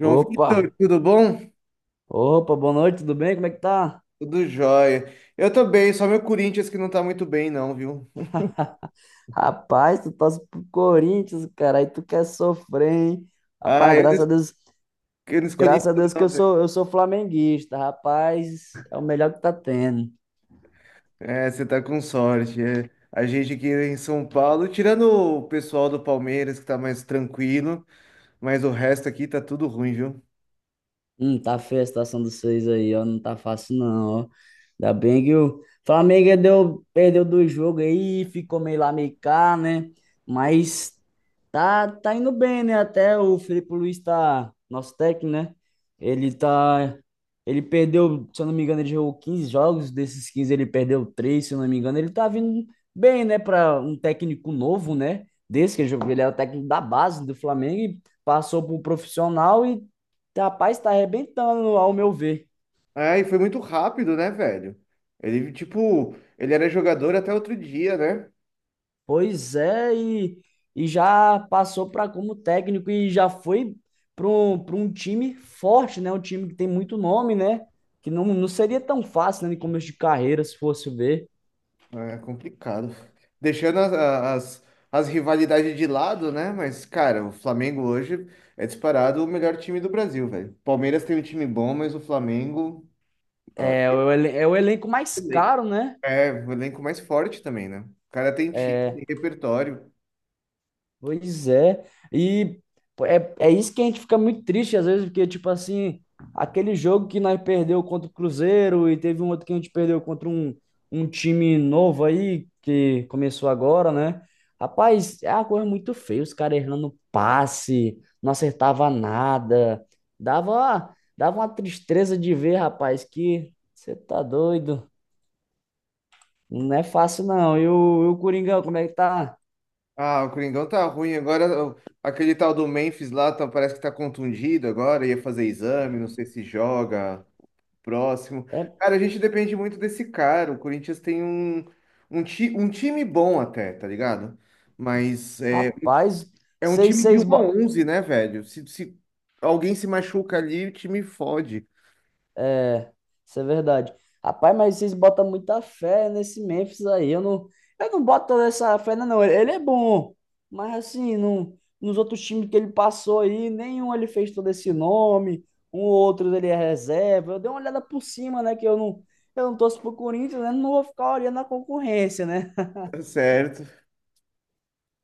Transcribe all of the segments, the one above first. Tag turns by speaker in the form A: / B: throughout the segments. A: João
B: Opa,
A: Vitor, tudo bom?
B: opa, boa noite, tudo bem? Como é que tá?
A: Tudo jóia. Eu tô bem, só meu Corinthians que não tá muito bem, não, viu?
B: Rapaz, tu torce pro Corinthians, cara, aí tu quer sofrer, hein?
A: Ah,
B: Rapaz,
A: eu não,
B: graças a Deus,
A: eu não escolhi
B: graças
A: isso,
B: a Deus que eu
A: não, velho.
B: sou, eu sou flamenguista, rapaz, é o melhor que tá tendo.
A: É, você tá com sorte. É. A gente aqui em São Paulo, tirando o pessoal do Palmeiras que tá mais tranquilo, mas o resto aqui tá tudo ruim, viu?
B: Tá feia a situação dos seis aí, ó. Não tá fácil, não, ó. Ainda bem que o Flamengo perdeu dois jogos aí, ficou meio lá, meio cá, né? Mas tá indo bem, né? Até o Felipe Luiz tá, nosso técnico, né? Ele tá. Ele perdeu, se eu não me engano, ele jogou 15 jogos, desses 15 ele perdeu três se eu não me engano. Ele tá vindo bem, né? Pra um técnico novo, né? Desse que ele jogou, ele era o técnico da base do Flamengo e passou pro profissional, e rapaz, está arrebentando, ao meu ver.
A: Ah, e foi muito rápido, né, velho? Ele, tipo, ele era jogador até outro dia, né?
B: Pois é, e já passou para como técnico e já foi para um time forte, né? Um time que tem muito nome, né? Que não seria tão fácil, né, no começo de carreira, se fosse ver.
A: Ah, é complicado. Deixando as rivalidades de lado, né? Mas, cara, o Flamengo hoje é disparado o melhor time do Brasil, velho. Palmeiras tem um time bom, mas o Flamengo, ó,
B: É o elenco mais caro, né?
A: é o elenco mais forte também, né? O cara tem time, tem repertório.
B: Pois é. E pô, é isso que a gente fica muito triste às vezes, porque, tipo assim, aquele jogo que nós perdeu contra o Cruzeiro e teve um outro que a gente perdeu contra um time novo aí, que começou agora, né? Rapaz, é uma coisa muito feia, os caras errando passe, não acertava nada. Dava uma tristeza de ver, rapaz, que você tá doido. Não é fácil, não. E o Coringão, como é que tá?
A: Ah, o Coringão tá ruim. Agora, aquele tal do Memphis lá parece que tá contundido agora, ia fazer exame, não sei se joga. Próximo.
B: É,
A: Cara, a gente depende muito desse cara. O Corinthians tem um time bom até, tá ligado? Mas é,
B: rapaz,
A: é um
B: seis
A: time de 1
B: seis
A: a 11, né, velho? Se alguém se machuca ali, o time fode.
B: Isso é verdade. Rapaz, mas vocês botam muita fé nesse Memphis aí. Eu não boto toda essa fé, não. Não. Ele é bom, mas assim, não, nos outros times que ele passou aí, nenhum ele fez todo esse nome. Um ou outro ele é reserva. Eu dei uma olhada por cima, né? Que eu não torço pro Corinthians, né? Não vou ficar olhando a concorrência, né?
A: Tá certo,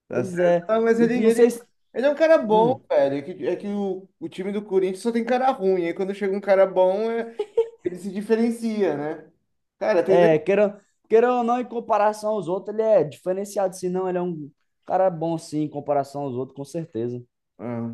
A: tá
B: Pois
A: certo.
B: é. E não sei se.
A: Ele é um cara bom,
B: Hum,
A: velho. É que o time do Corinthians só tem cara ruim. Aí quando chega um cara bom, ele se diferencia, né? Cara, tem
B: É,
A: dois.
B: queira ou não, em comparação aos outros, ele é diferenciado. Se não, ele é um cara bom, sim, em comparação aos outros, com certeza.
A: Ah,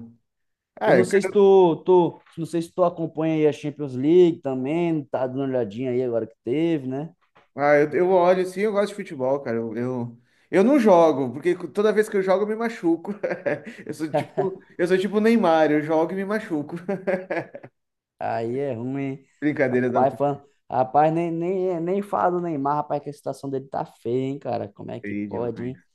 B: Eu
A: Ah,
B: não
A: é
B: sei se tu, tu, não sei se tu acompanha aí a Champions League também, tá dando uma olhadinha aí agora que teve, né?
A: eu olho sim, eu gosto de futebol, cara. Eu não jogo, porque toda vez que eu jogo eu me machuco. Eu sou tipo o Neymar, eu jogo e me machuco.
B: Aí é ruim, hein?
A: Brincadeiras da
B: Rapaz,
A: parte
B: rapaz, nem fala do Neymar, rapaz, que a situação dele tá feia, hein, cara? Como é que
A: aí
B: pode, hein?
A: demais.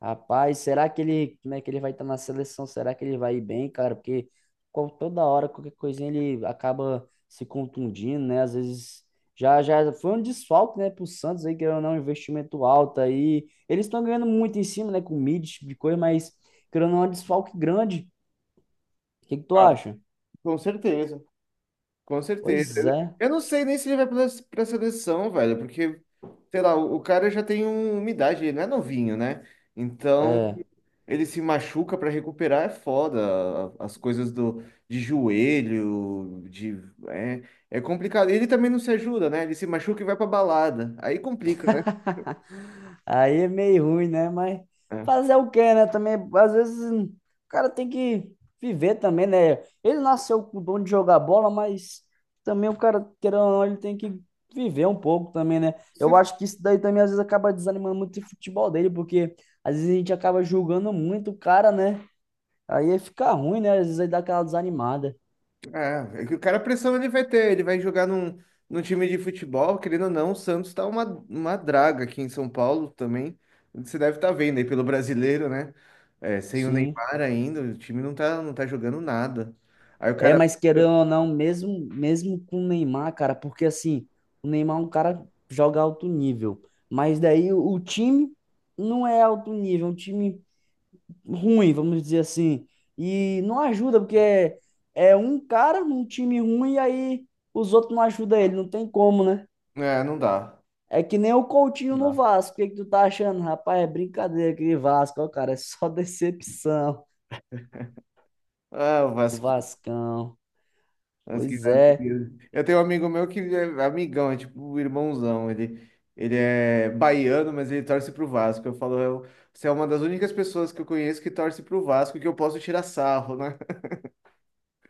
B: Rapaz, como é que ele vai estar na seleção? Será que ele vai ir bem, cara? Porque toda hora, qualquer coisinha, ele acaba se contundindo, né? Às vezes já já foi um desfalque, né, pro Santos aí, que era um investimento alto aí. Eles estão ganhando muito em cima, né, com de coisa, mas querendo ou não, é um desfalque grande. O que que tu
A: Ah,
B: acha?
A: com certeza, com certeza.
B: Pois é.
A: Eu não sei nem se ele vai pra seleção, velho, porque, sei lá, o cara já tem uma idade, ele não é novinho, né? Então, ele se machuca para recuperar é foda. As coisas do, de joelho, de, é, é complicado. Ele também não se ajuda, né? Ele se machuca e vai pra balada. Aí complica, né?
B: Aí é meio ruim, né? Mas
A: É.
B: fazer o quê, né? Também, às vezes, o cara tem que viver também, né? Ele nasceu com o dom de jogar bola, mas também o cara, querendo ou não, ele tem que viver um pouco também, né? Eu
A: Você-
B: acho que isso daí também, às vezes, acaba desanimando muito o futebol dele, porque às vezes a gente acaba julgando muito o cara, né? Aí fica ruim, né? Às vezes aí dá aquela desanimada.
A: é, é que o cara a pressão ele vai ter, ele vai jogar num time de futebol, querendo ou não, o Santos tá uma draga aqui em São Paulo também. Você deve estar vendo aí pelo brasileiro, né? É, sem o
B: Sim.
A: Neymar ainda, o time não tá, não tá jogando nada. Aí o
B: É,
A: cara,
B: mas querendo ou não, mesmo, mesmo com o Neymar, cara, porque assim, o Neymar é um cara que joga alto nível, mas daí o time não é alto nível, é um time ruim, vamos dizer assim, e não ajuda, porque é um cara num time ruim e aí os outros não ajudam ele, não tem como, né?
A: é, não dá,
B: É que nem o Coutinho
A: não
B: no
A: dá.
B: Vasco, o que que tu tá achando? Rapaz, é brincadeira aquele Vasco, ó, cara, é só decepção,
A: Ah, o
B: o
A: Vasco.
B: Vascão,
A: As que
B: pois
A: nada
B: é.
A: que- Eu tenho um amigo meu que é amigão, é tipo o irmãozão. Ele é baiano, mas ele torce pro Vasco. Eu falo, eu, você é uma das únicas pessoas que eu conheço que torce pro Vasco que eu posso tirar sarro, né?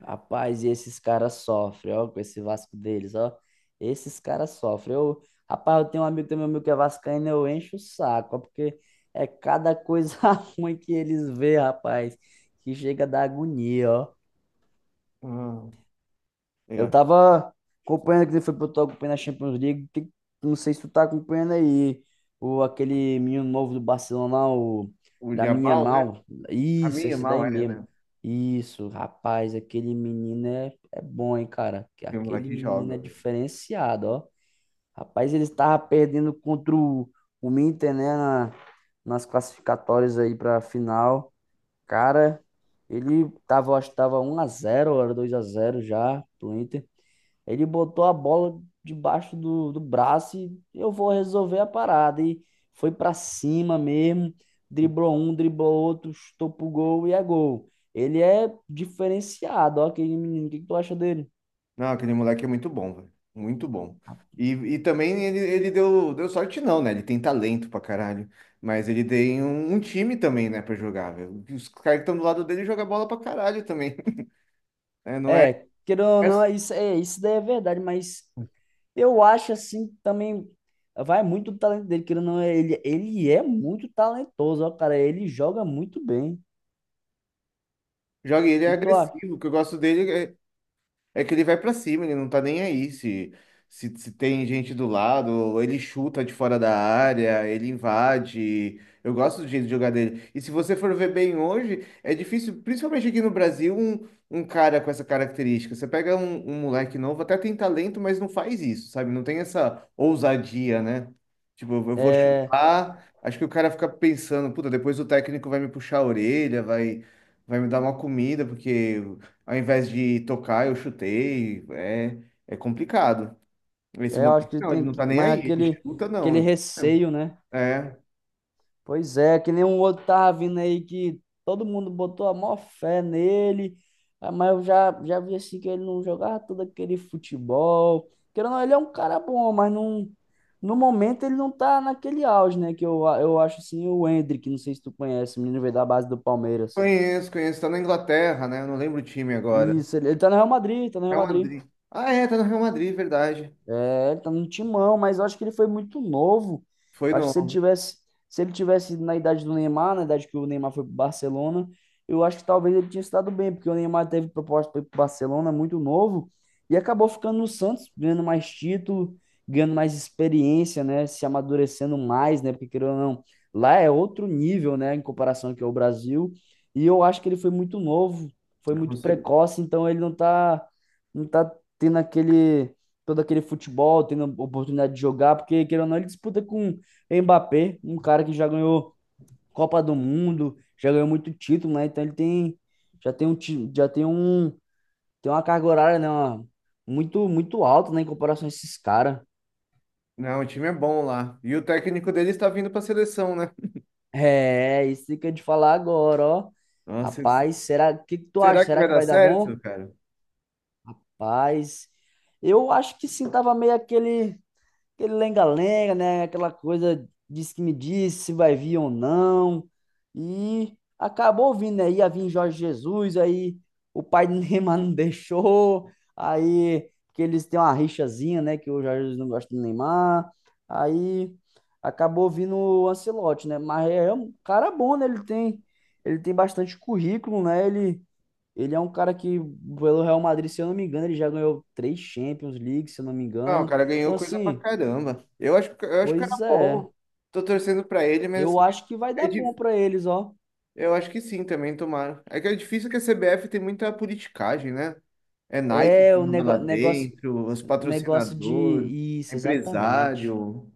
B: Rapaz, e esses caras sofrem, ó, com esse Vasco deles, ó. Esses caras sofrem. Eu tenho um amigo, tem meu amigo que é vascaíno, eu encho o saco, ó, porque é cada coisa ruim que eles vê, rapaz, que chega a dar agonia, ó.
A: Ah,
B: Eu
A: legal.
B: tava acompanhando que foi pro tô acompanhando a Champions League. Não sei se tu tá acompanhando aí o aquele menino novo do Barcelona, o
A: O
B: Lamine
A: Yamal, né?
B: Yamal. Isso,
A: Caminha
B: esse
A: mal,
B: daí
A: é,
B: mesmo.
A: né?
B: Isso, rapaz, aquele menino é, é bom, hein, cara.
A: Tem um
B: Aquele
A: moleque que
B: menino
A: joga,
B: é
A: velho.
B: diferenciado, ó. Rapaz, ele estava perdendo contra o Inter, né, nas classificatórias aí pra final. Cara, eu acho que tava 1-0, era 2-0 já pro Inter. Ele botou a bola debaixo do braço e eu vou resolver a parada. E foi para cima mesmo, driblou um, driblou outro, chutou pro gol e é gol. Ele é diferenciado, ó, aquele menino. O que que tu acha dele?
A: Não, aquele moleque é muito bom, velho. Muito bom. E também ele deu, deu sorte, não, né? Ele tem talento pra caralho. Mas ele tem um time também, né, pra jogar, velho. Os caras que estão do lado dele jogam bola pra caralho também. É, não é,
B: É, querendo ou
A: é-
B: não, isso, é, isso daí é verdade, mas eu acho assim também vai muito do talento dele, querendo ou não, ele é muito talentoso, ó, cara, ele joga muito bem. O
A: Joga e ele é
B: que que tu acha?
A: agressivo. O que eu gosto dele é, é que ele vai pra cima, ele não tá nem aí se tem gente do lado, ele chuta de fora da área, ele invade. Eu gosto do jeito de jogar dele. E se você for ver bem hoje, é difícil, principalmente aqui no Brasil, um cara com essa característica. Você pega um moleque novo, até tem talento, mas não faz isso, sabe? Não tem essa ousadia, né? Tipo, eu vou
B: É,
A: chutar, acho que o cara fica pensando, puta, depois o técnico vai me puxar a orelha, vai me dar uma comida, porque ao invés de tocar, eu chutei. É, é complicado. Esse
B: é, eu
A: moleque,
B: acho que
A: não, ele não tá nem
B: mais
A: aí. Ele
B: aquele,
A: chuta,
B: aquele
A: não.
B: receio, né?
A: É.
B: Pois é, que nem um outro tava vindo aí que todo mundo botou a maior fé nele, ah, mas eu já vi assim que ele não jogava todo aquele futebol. Querendo ou não, ele é um cara bom, mas não, no momento ele não tá naquele auge, né? Eu acho assim o Endrick, não sei se tu conhece, o menino veio da base do Palmeiras.
A: Conheço, conheço. Tá na Inglaterra, né? Eu não lembro o time agora.
B: Isso, ele tá no Real Madrid, tá no Real
A: Real
B: Madrid.
A: Madrid. Ah, é, tá no Real Madrid, verdade.
B: É, ele tá no timão, mas eu acho que ele foi muito novo.
A: Foi
B: Acho
A: no.
B: que se ele tivesse, se ele tivesse na idade do Neymar, na idade que o Neymar foi pro Barcelona, eu acho que talvez ele tinha estado bem, porque o Neymar teve proposta para ir pro Barcelona muito novo e acabou ficando no Santos, ganhando mais título, ganhando mais experiência, né, se amadurecendo mais, né, porque querendo ou não, lá é outro nível, né, em comparação que é o Brasil. E eu acho que ele foi muito novo, foi
A: É como
B: muito
A: se-
B: precoce, então ele não tá tendo aquele todo aquele futebol, tendo a oportunidade de jogar, porque, querendo ou não, ele disputa com Mbappé, um cara que já ganhou Copa do Mundo, já ganhou muito título, né? Então ele tem, já tem um, ti- já tem um, tem uma carga horária, né? Muito, muito alta, né? Em comparação a esses caras.
A: não, o time é bom lá. E o técnico dele está vindo pra seleção, né?
B: É, é isso que eu ia te falar agora, ó.
A: Nossa, s-
B: Rapaz, será, o que que tu acha?
A: será que
B: Será
A: vai
B: que
A: dar
B: vai dar
A: certo,
B: bom?
A: cara?
B: Rapaz, eu acho que sim, tava meio aquele lenga-lenga, né? Aquela coisa, diz que me disse se vai vir ou não. E acabou vindo, né? Ia vir Jorge Jesus, aí o pai do Neymar não deixou, aí porque eles têm uma rixazinha, né? Que o Jorge Jesus não gosta do Neymar. Aí acabou vindo o Ancelotti, né? Mas é um cara bom, né? Ele tem bastante currículo, né? Ele é um cara que, pelo Real Madrid, se eu não me engano, ele já ganhou três Champions League, se eu não me
A: Não, o
B: engano.
A: cara ganhou
B: Então,
A: coisa pra
B: assim,
A: caramba. Eu acho que o cara
B: pois
A: é
B: é.
A: bom. Tô torcendo pra ele, mas
B: Eu
A: assim,
B: acho que vai
A: é
B: dar bom pra eles, ó.
A: eu acho que sim, também tomara. É que é difícil que a CBF tem muita politicagem, né? É Nike
B: É,
A: que
B: o
A: manda lá
B: nego- negócio
A: dentro, os
B: negócio de
A: patrocinadores,
B: isso, exatamente.
A: empresário.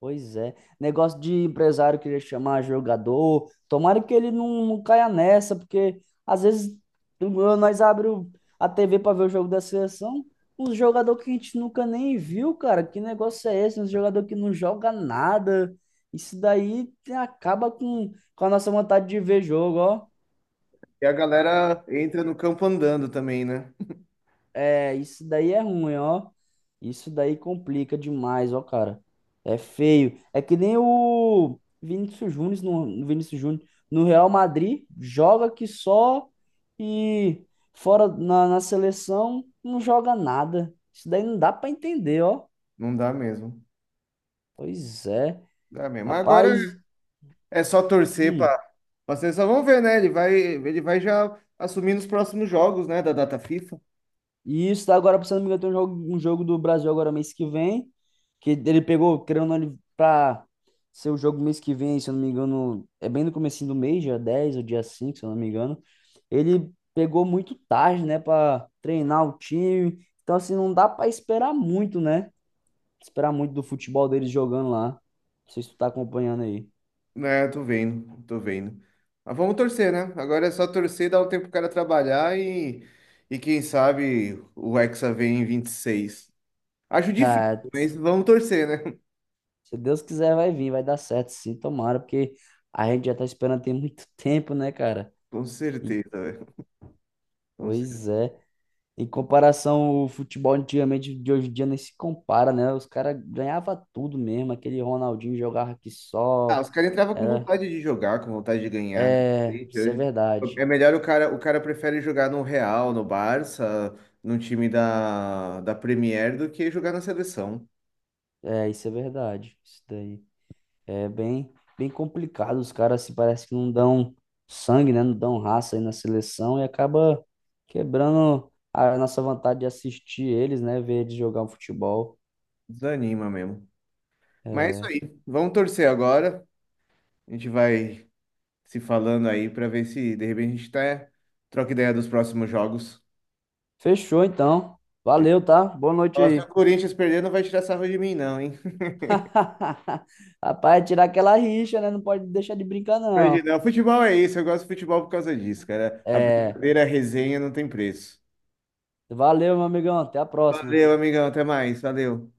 B: Pois é. Negócio de empresário querer chamar jogador. Tomara que ele não caia nessa, porque às vezes tu- nós abrimos a TV pra ver o jogo da seleção, uns jogador que a gente nunca nem viu, cara. Que negócio é esse? Uns jogador que não joga nada. Isso daí acaba com a nossa vontade de ver jogo, ó.
A: E a galera entra no campo andando também, né?
B: É, isso daí é ruim, ó. Isso daí complica demais, ó, cara. É feio. É que nem o Vinícius Júnior no Real Madrid, joga que só e fora na, na seleção não joga nada. Isso daí não dá pra entender, ó.
A: Não dá mesmo.
B: Pois é.
A: Dá mesmo. Mas agora
B: Rapaz,
A: é só torcer para
B: hum,
A: a seleção. Vamos ver, né? Ele vai já assumir nos próximos jogos, né? Da data FIFA.
B: e isso tá agora, se não me engano, tem um jogo do Brasil agora mês que vem, que ele pegou, querendo ou não, ele pra ser o jogo mês que vem, se eu não me engano, é bem no comecinho do mês, dia 10 ou dia 5, se eu não me engano. Ele pegou muito tarde, né, pra treinar o time. Então, assim, não dá pra esperar muito, né? Esperar muito do futebol deles jogando lá. Não sei se tu tá acompanhando aí.
A: É, tô vendo, tô vendo. Mas vamos torcer, né? Agora é só torcer, dar um tempo pro cara trabalhar e quem sabe o Hexa vem em 26. Acho difícil,
B: Ah,
A: mas vamos torcer, né?
B: se Deus quiser, vai vir, vai dar certo, sim, tomara, porque a gente já tá esperando tem muito tempo, né, cara?
A: Com
B: E,
A: certeza, velho. Com
B: Pois
A: certeza.
B: é. Em comparação, o futebol antigamente de hoje em dia nem se compara, né? Os caras ganhavam tudo mesmo. Aquele Ronaldinho jogava aqui
A: Ah,
B: só.
A: os caras entravam com
B: Era.
A: vontade de jogar, com vontade de ganhar, né?
B: É,
A: Gente,
B: isso é
A: hoje
B: verdade.
A: é melhor o cara prefere jogar no Real, no Barça, num time da Premier do que jogar na seleção.
B: É, isso é verdade. Isso daí. É bem, bem complicado. Os caras se parece que não dão sangue, né? Não dão raça aí na seleção e acaba quebrando a nossa vontade de assistir eles, né? Ver eles jogar um futebol.
A: Desanima mesmo. Mas é isso
B: É.
A: aí. Vamos torcer agora. A gente vai se falando aí para ver se de repente a gente tá, troca ideia dos próximos jogos.
B: Fechou então. Valeu, tá? Boa noite
A: Ó, se o
B: aí.
A: Corinthians perder, não vai tirar sarro de mim, não, hein?
B: Rapaz, tirar aquela rixa, né? Não pode deixar de brincar, não.
A: Imagina, o futebol é isso, eu gosto de futebol por causa disso, cara. A
B: É,
A: brincadeira, a resenha não tem preço.
B: valeu, meu amigão. Até a próxima.
A: Valeu, amigão, até mais, valeu.